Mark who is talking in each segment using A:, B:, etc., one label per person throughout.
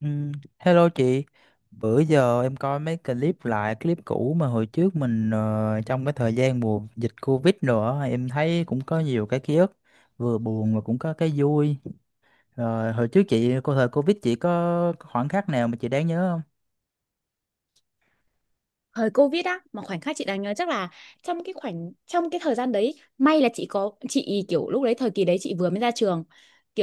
A: Ừ, hello chị, bữa giờ em coi mấy clip lại, clip cũ mà hồi trước mình trong cái thời gian mùa dịch Covid nữa, em thấy cũng có nhiều cái ký ức, vừa buồn mà cũng có cái vui. Rồi hồi trước chị, cô thời Covid chị có khoảnh khắc nào mà chị đáng nhớ không?
B: Thời Covid á mà khoảnh khắc chị đáng nhớ chắc là trong cái thời gian đấy, may là chị có chị kiểu lúc đấy thời kỳ đấy chị vừa mới ra trường,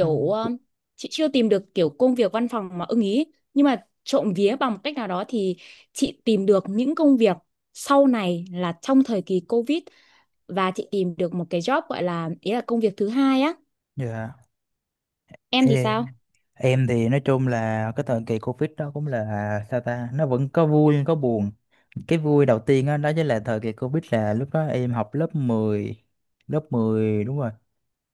A: Ừ.
B: chị chưa tìm được kiểu công việc văn phòng mà ưng ý. Nhưng mà trộm vía bằng một cách nào đó thì chị tìm được những công việc sau này là trong thời kỳ Covid, và chị tìm được một cái job gọi là ý là công việc thứ hai á.
A: Dạ.
B: Em thì
A: Ê,
B: sao?
A: em thì nói chung là cái thời kỳ Covid đó cũng là sao ta, nó vẫn có vui có buồn. Cái vui đầu tiên đó, đó chính là thời kỳ Covid là lúc đó em học lớp 10 đúng rồi.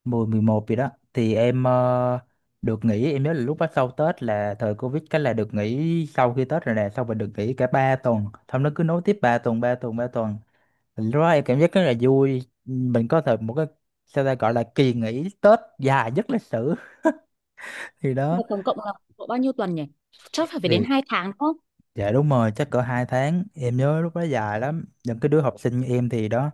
A: Mười mười một gì đó thì em được nghỉ, em nhớ là lúc đó sau Tết là thời Covid, cái là được nghỉ sau khi Tết rồi nè, xong rồi được nghỉ cả 3 tuần, xong nó cứ nối tiếp 3 tuần 3 tuần 3 tuần. Thì lúc đó em cảm giác rất là vui, mình có thể một cái sao ta gọi là kỳ nghỉ Tết dài nhất lịch sử. Thì đó
B: Là tổng cộng là độ bao nhiêu tuần nhỉ, chắc phải phải đến
A: thì
B: 2 tháng đúng không?
A: dạ đúng rồi, chắc cỡ 2 tháng, em nhớ lúc đó dài lắm, những cái đứa học sinh như em thì đó,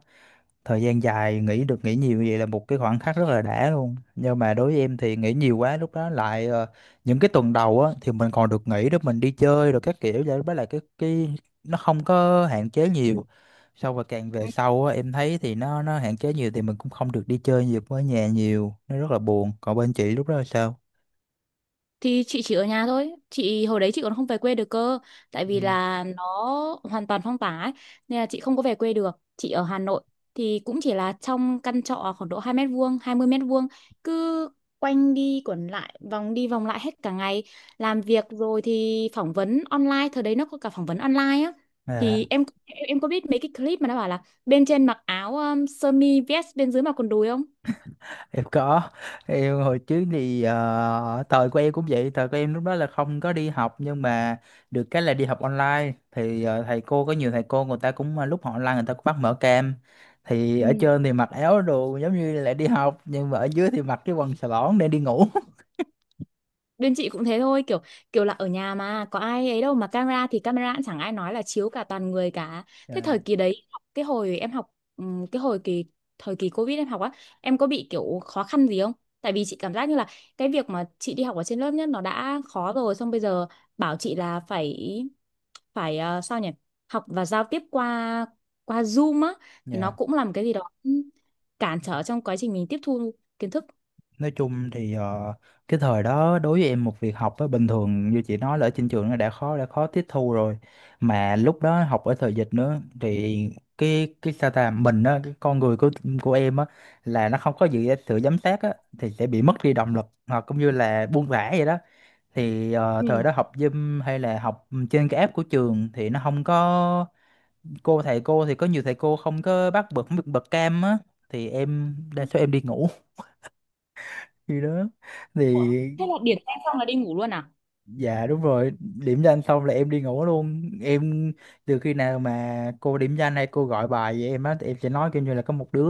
A: thời gian dài nghỉ, được nghỉ nhiều vậy là một cái khoảnh khắc rất là đã luôn, nhưng mà đối với em thì nghỉ nhiều quá lúc đó lại những cái tuần đầu á thì mình còn được nghỉ để mình đi chơi rồi các kiểu vậy, với lại cái nó không có hạn chế nhiều. Sau và càng về sau á em thấy thì nó hạn chế nhiều thì mình cũng không được đi chơi nhiều, với nhà nhiều nó rất là buồn. Còn bên chị lúc đó là sao?
B: Thì chị chỉ ở nhà thôi, chị hồi đấy chị còn không về quê được cơ, tại vì là nó hoàn toàn phong tỏa ấy, nên là chị không có về quê được. Chị ở Hà Nội thì cũng chỉ là trong căn trọ khoảng độ 2 mét vuông, 20 mét vuông, cứ quanh đi quẩn lại, vòng đi vòng lại hết cả ngày, làm việc rồi thì phỏng vấn online, thời đấy nó có cả phỏng vấn online á.
A: Ừ.
B: Thì em có biết mấy cái clip mà nó bảo là bên trên mặc áo sơ mi vest, bên dưới mặc quần đùi không?
A: Em có. Em hồi trước thì thời của em cũng vậy, thời của em lúc đó là không có đi học, nhưng mà được cái là đi học online thì thầy cô có nhiều thầy cô người ta cũng lúc họ online người ta cũng bắt mở cam, thì
B: Ừ.
A: ở trên thì mặc áo đồ giống như là đi học nhưng mà ở dưới thì mặc cái quần xà lỏn để đi ngủ.
B: Bên chị cũng thế thôi, kiểu kiểu là ở nhà mà có ai ấy đâu, mà camera thì camera cũng chẳng ai nói là chiếu cả, toàn người cả. Thế thời
A: Dạ.
B: kỳ đấy, cái hồi em học, cái hồi kỳ thời kỳ Covid em học á, em có bị kiểu khó khăn gì không? Tại vì chị cảm giác như là cái việc mà chị đi học ở trên lớp nhất nó đã khó rồi, xong bây giờ bảo chị là phải phải sao nhỉ, học và giao tiếp qua qua Zoom á thì nó
A: Dạ.
B: cũng làm cái gì đó cản trở trong quá trình mình tiếp thu kiến thức.
A: Nói chung thì cái thời đó đối với em một việc học á bình thường như chị nói là ở trên trường nó đã khó, đã khó tiếp thu rồi, mà lúc đó học ở thời dịch nữa thì cái sao ta mình á, cái con người của em á là nó không có gì sự giám sát á thì sẽ bị mất đi động lực hoặc cũng như là buông thả vậy đó. Thì
B: Ừ.
A: thời đó học Zoom hay là học trên cái app của trường thì nó không có cô, thầy cô thì có nhiều thầy cô không có bắt bật bật cam á, thì em đa số em đi ngủ. Khi đó
B: Ủa,
A: thì
B: thế là điểm danh xong là đi ngủ luôn à?
A: dạ đúng rồi, điểm danh xong là em đi ngủ luôn. Em từ khi nào mà cô điểm danh hay cô gọi bài vậy em á thì em sẽ nói kiểu như là có một đứa,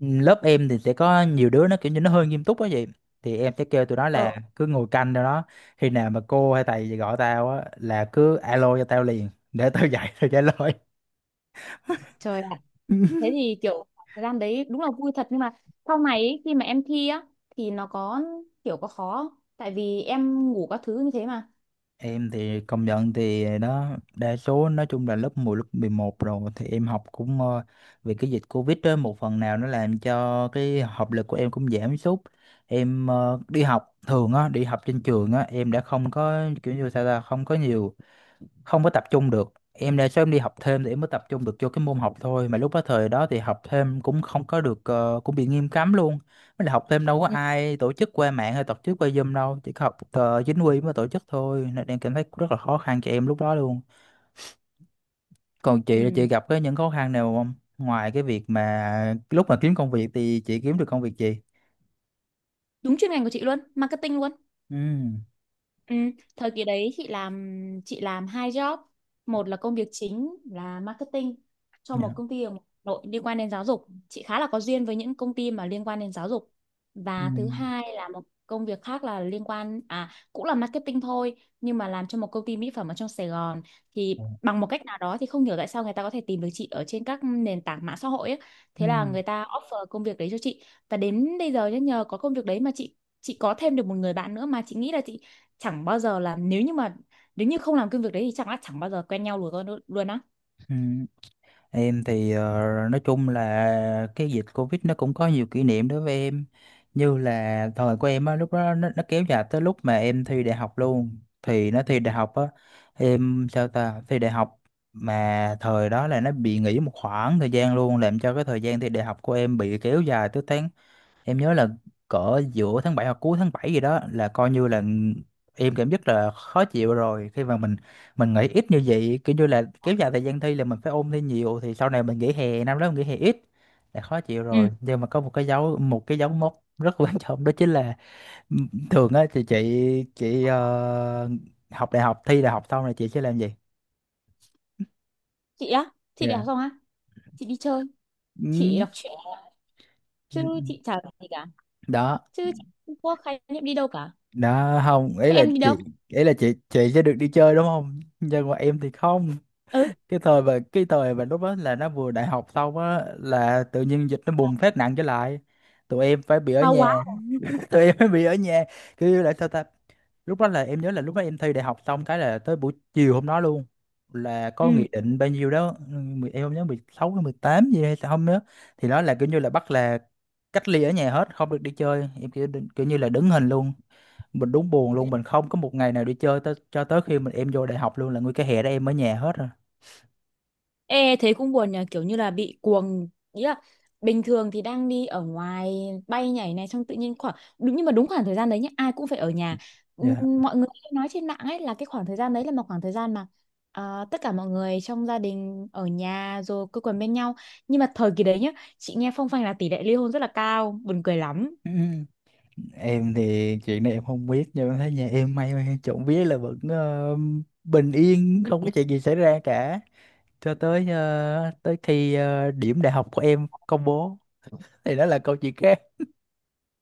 A: lớp em thì sẽ có nhiều đứa nó kiểu như nó hơi nghiêm túc á vậy. Thì em sẽ kêu tụi nó là cứ ngồi canh đâu đó. Khi nào mà cô hay thầy gì gọi tao á là cứ alo cho tao liền để tao dậy tao trả lời.
B: Trời ạ, thế thì kiểu thời gian đấy đúng là vui thật, nhưng mà sau này ý, khi mà em thi á thì nó có kiểu có khó không? Tại vì em ngủ các thứ như thế mà.
A: Em thì công nhận thì đó đa số nói chung là lớp 10, lớp 11 rồi thì em học cũng vì cái dịch Covid đó một phần nào nó làm cho cái học lực của em cũng giảm sút. Em đi học thường á, đi học trên trường á em đã không có kiểu như sao ta, không có nhiều, không có tập trung được, em đa số em đi học thêm thì em mới tập trung được cho cái môn học thôi, mà lúc đó thời đó thì học thêm cũng không có được cũng bị nghiêm cấm luôn, mới là học thêm đâu có
B: Ừ.
A: ai tổ chức qua mạng hay tổ chức qua Zoom đâu, chỉ có học chính quy mới tổ chức thôi nên em cảm thấy rất là khó khăn cho em lúc đó luôn. Còn chị là chị
B: Ừ.
A: gặp cái những khó khăn nào không, ngoài cái việc mà lúc mà kiếm công việc thì chị kiếm được công việc gì?
B: Đúng chuyên ngành của chị luôn, marketing luôn.
A: Ừ.
B: Ừ, thời kỳ đấy chị làm hai job. Một là công việc chính là marketing cho một
A: Dạ.
B: công ty ở Hà Nội liên quan đến giáo dục, chị khá là có duyên với những công ty mà liên quan đến giáo dục.
A: Ừ.
B: Và thứ hai là một công việc khác là liên quan à cũng là marketing thôi, nhưng mà làm cho một công ty mỹ phẩm ở trong Sài Gòn. Thì bằng một cách nào đó thì không hiểu tại sao người ta có thể tìm được chị ở trên các nền tảng mạng xã hội ấy.
A: Ừ.
B: Thế là người ta offer công việc đấy cho chị, và đến bây giờ nhá, nhờ có công việc đấy mà chị có thêm được một người bạn nữa, mà chị nghĩ là chị chẳng bao giờ là, nếu như mà nếu như không làm công việc đấy thì chẳng là chẳng bao giờ quen nhau luôn con luôn á.
A: Ừ. Em thì nói chung là cái dịch Covid nó cũng có nhiều kỷ niệm đối với em, như là thời của em á lúc đó nó kéo dài tới lúc mà em thi đại học luôn, thì nó thi đại học á em sao ta thi đại học mà thời đó là nó bị nghỉ một khoảng thời gian luôn, làm cho cái thời gian thi đại học của em bị kéo dài tới tháng, em nhớ là cỡ giữa tháng 7 hoặc cuối tháng 7 gì đó, là coi như là em cảm giác là khó chịu rồi, khi mà mình nghỉ ít như vậy kiểu như là kéo dài thời gian thi là mình phải ôn thi nhiều thì sau này mình nghỉ hè năm đó mình nghỉ hè ít là khó chịu
B: Ừ.
A: rồi, nhưng mà có một cái dấu, một cái dấu mốc rất quan trọng đó chính là m- thường á thì chị học đại học, thi đại học xong rồi chị sẽ làm gì?
B: Chị á, chị đi
A: Dạ.
B: học xong á chị đi chơi,
A: Ừ.
B: chị đọc truyện, chứ chị chả làm gì cả,
A: Đó.
B: chứ chị không có khái niệm đi đâu cả.
A: Đó không, ý
B: Thế
A: là
B: em đi đâu?
A: chị, ý là chị sẽ được đi chơi đúng không, nhưng mà em thì không.
B: Ừ.
A: Cái thời và cái thời và lúc đó là nó vừa đại học xong á là tự nhiên dịch nó bùng phát nặng trở lại, tụi em phải bị ở
B: À,
A: nhà.
B: quá.
A: Tụi em phải bị ở nhà, kiểu như là sao ta, lúc đó là em nhớ là lúc đó em thi đại học xong cái là tới buổi chiều hôm đó luôn, là
B: Ừ.
A: có nghị định bao nhiêu đó mười- em không nhớ 16 hay 18 gì hay sao không nhớ, thì nó là kiểu như là bắt là cách ly ở nhà hết, không được đi chơi. Em kiểu, kiểu như là đứng hình luôn, mình đúng buồn luôn, mình không có một ngày nào đi chơi tới, cho tới khi mình em vô đại học luôn là nguyên cái hè đó em ở nhà hết rồi.
B: Ê, thế cũng buồn nhờ, kiểu như là bị cuồng, ý là bình thường thì đang đi ở ngoài, bay nhảy này, xong tự nhiên khoảng đúng, nhưng mà đúng khoảng thời gian đấy nhá, ai cũng phải ở nhà. Ừm,
A: Dạ.
B: mọi người hay nói trên mạng ấy là cái khoảng thời gian đấy là một khoảng thời gian mà à, tất cả mọi người trong gia đình ở nhà rồi quây quần bên nhau, nhưng mà thời kỳ đấy nhá chị nghe phong phanh là tỷ lệ ly hôn rất là cao, buồn cười lắm.
A: Ừ. Em thì chuyện này em không biết nhưng em thấy nhà em may mắn trộm vía là vẫn bình yên, không có chuyện gì xảy ra cả, cho tới tới khi điểm đại học của em công bố thì đó là câu chuyện khác.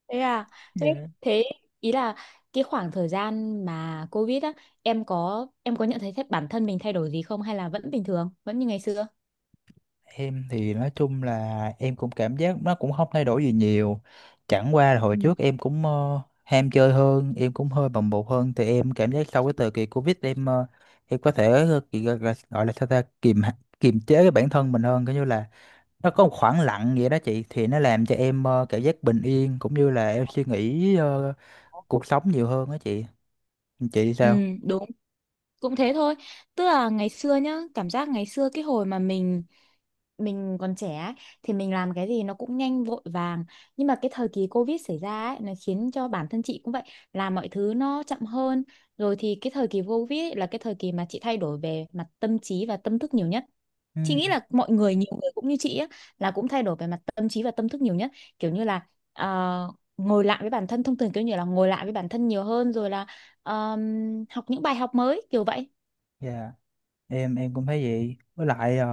B: Thế à, thế
A: Dạ.
B: thế ý là cái khoảng thời gian mà Covid á, em có nhận thấy thế- bản thân mình thay đổi gì không, hay là vẫn bình thường, vẫn như ngày xưa?
A: Em thì nói chung là em cũng cảm giác nó cũng không thay đổi gì nhiều, chẳng qua là hồi
B: Ừ,
A: trước em cũng ham chơi hơn, em cũng hơi bồng bột hơn, thì em cảm giác sau cái thời kỳ Covid em em có thể kỳ- gọi là sao ta kiềm, hạ- kiềm chế cái bản thân mình hơn, coi như là nó có một khoảng lặng vậy đó chị, thì nó làm cho em cảm giác bình yên cũng như là em suy nghĩ cuộc sống nhiều hơn đó chị. Chị
B: ừ,
A: sao?
B: đúng, cũng thế thôi. Tức là ngày xưa nhá, cảm giác ngày xưa cái hồi mà mình còn trẻ ấy, thì mình làm cái gì nó cũng nhanh vội vàng. Nhưng mà cái thời kỳ Covid xảy ra ấy, nó khiến cho bản thân chị cũng vậy, làm mọi thứ nó chậm hơn. Rồi thì cái thời kỳ Covid ấy là cái thời kỳ mà chị thay đổi về mặt tâm trí và tâm thức nhiều nhất.
A: Ừ.
B: Chị nghĩ là mọi người nhiều người cũng như chị á là cũng thay đổi về mặt tâm trí và tâm thức nhiều nhất, kiểu như là ờ, ngồi lại với bản thân thông thường, kiểu như là ngồi lại với bản thân nhiều hơn, rồi là học những bài học mới kiểu vậy.
A: Dạ. Em cũng thấy vậy, với lại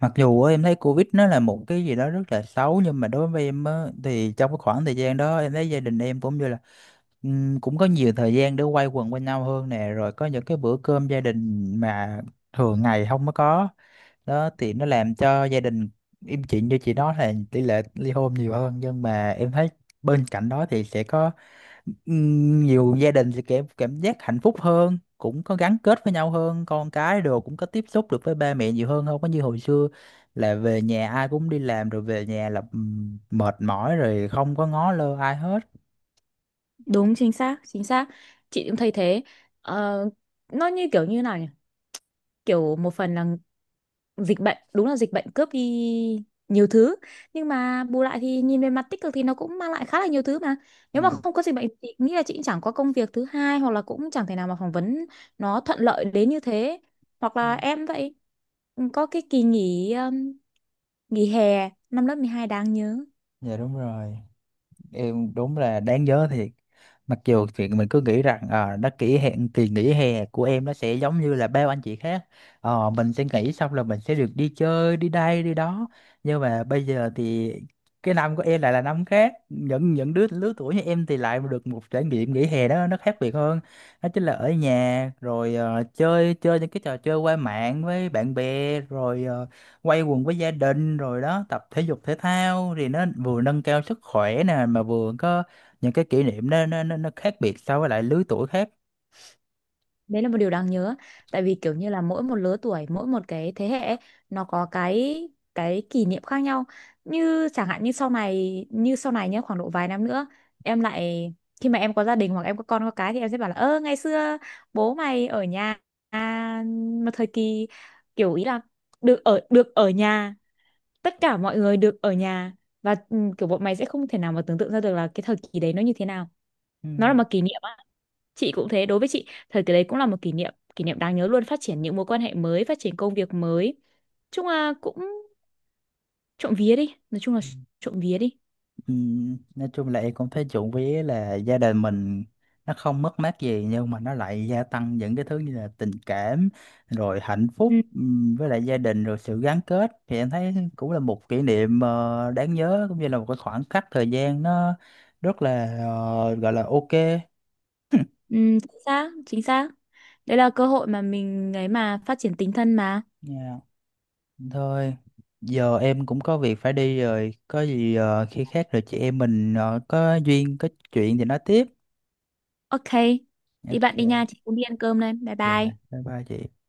A: mặc dù á, em thấy Covid nó là một cái gì đó rất là xấu, nhưng mà đối với em á, thì trong cái khoảng thời gian đó em thấy gia đình em cũng như là cũng có nhiều thời gian để quay quần bên nhau hơn nè, rồi có những cái bữa cơm gia đình mà thường ngày không có có, đó thì nó làm cho gia đình im chuyện. Như chị nói là tỷ lệ ly hôn nhiều hơn nhưng mà em thấy bên cạnh đó thì sẽ có nhiều gia đình sẽ cảm cảm giác hạnh phúc hơn, cũng có gắn kết với nhau hơn, con cái đồ cũng có tiếp xúc được với ba mẹ nhiều hơn, không có như hồi xưa là về nhà ai cũng đi làm rồi về nhà là mệt mỏi rồi không có ngó lơ ai hết.
B: Đúng chính xác, chính xác, chị cũng thấy thế. Ờ, nó như kiểu như nào nhỉ, kiểu một phần là dịch bệnh, đúng là dịch bệnh cướp đi nhiều thứ, nhưng mà bù lại thì nhìn về mặt tích cực thì nó cũng mang lại khá là nhiều thứ, mà nếu
A: Dạ.
B: mà không có dịch bệnh thì nghĩ là chị cũng chẳng có công việc thứ hai, hoặc là cũng chẳng thể nào mà phỏng vấn nó thuận lợi đến như thế. Hoặc
A: Ừ.
B: là em vậy, có cái kỳ nghỉ, nghỉ hè năm lớp 12 đáng nhớ.
A: Dạ, đúng rồi, em đúng là đáng nhớ thiệt, mặc dù chuyện mình cứ nghĩ rằng à, nó kỷ hẹn kỳ nghỉ hè của em nó sẽ giống như là bao anh chị khác. Ờ, mình sẽ nghỉ xong là mình sẽ được đi chơi đi đây đi đó, nhưng mà bây giờ thì cái năm của em lại là năm khác, những đứa lứa tuổi như em thì lại được một trải nghiệm nghỉ hè đó nó khác biệt hơn, đó chính là ở nhà rồi chơi chơi những cái trò chơi qua mạng với bạn bè rồi quay quần với gia đình rồi đó, tập thể dục thể thao thì nó vừa nâng cao sức khỏe nè mà vừa có những cái kỷ niệm nó nó khác biệt so với lại lứa tuổi khác.
B: Đấy là một điều đáng nhớ, tại vì kiểu như là mỗi một lứa tuổi mỗi một cái thế hệ ấy, nó có cái kỷ niệm khác nhau, như chẳng hạn như sau này nhé, khoảng độ vài năm nữa em lại, khi mà em có gia đình hoặc em có con có cái thì em sẽ bảo là ơ ngày xưa bố mày ở nhà, à, một thời kỳ kiểu ý là được ở nhà, tất cả mọi người được ở nhà, và ừ, kiểu bọn mày sẽ không thể nào mà tưởng tượng ra được là cái thời kỳ đấy nó như thế nào.
A: Ừ.
B: Nó là một kỷ niệm á. Chị cũng thế, đối với chị thời kỳ đấy cũng là một kỷ niệm đáng nhớ luôn, phát triển những mối quan hệ mới, phát triển công việc mới. Chung là cũng, trộm vía đi, nói chung là trộm vía đi.
A: Ừ. Nói chung là em cũng thấy trộm vía là gia đình mình nó không mất mát gì, nhưng mà nó lại gia tăng những cái thứ như là tình cảm, rồi hạnh phúc,
B: Ừ,
A: với lại gia đình, rồi sự gắn kết, thì em thấy cũng là một kỷ niệm đáng nhớ, cũng như là một cái khoảng khắc thời gian nó rất là gọi là ok.
B: ừ, chính xác, chính xác. Đấy là cơ hội mà mình ấy mà phát triển tính thân mà.
A: Yeah. Thôi, giờ em cũng có việc phải đi rồi. Có gì khi khác rồi chị em mình có duyên, có chuyện thì nói tiếp.
B: Ok, đi
A: Ok,
B: bạn đi nha, chị cũng đi ăn cơm đây. Bye
A: dạ,
B: bye.
A: bye bye chị.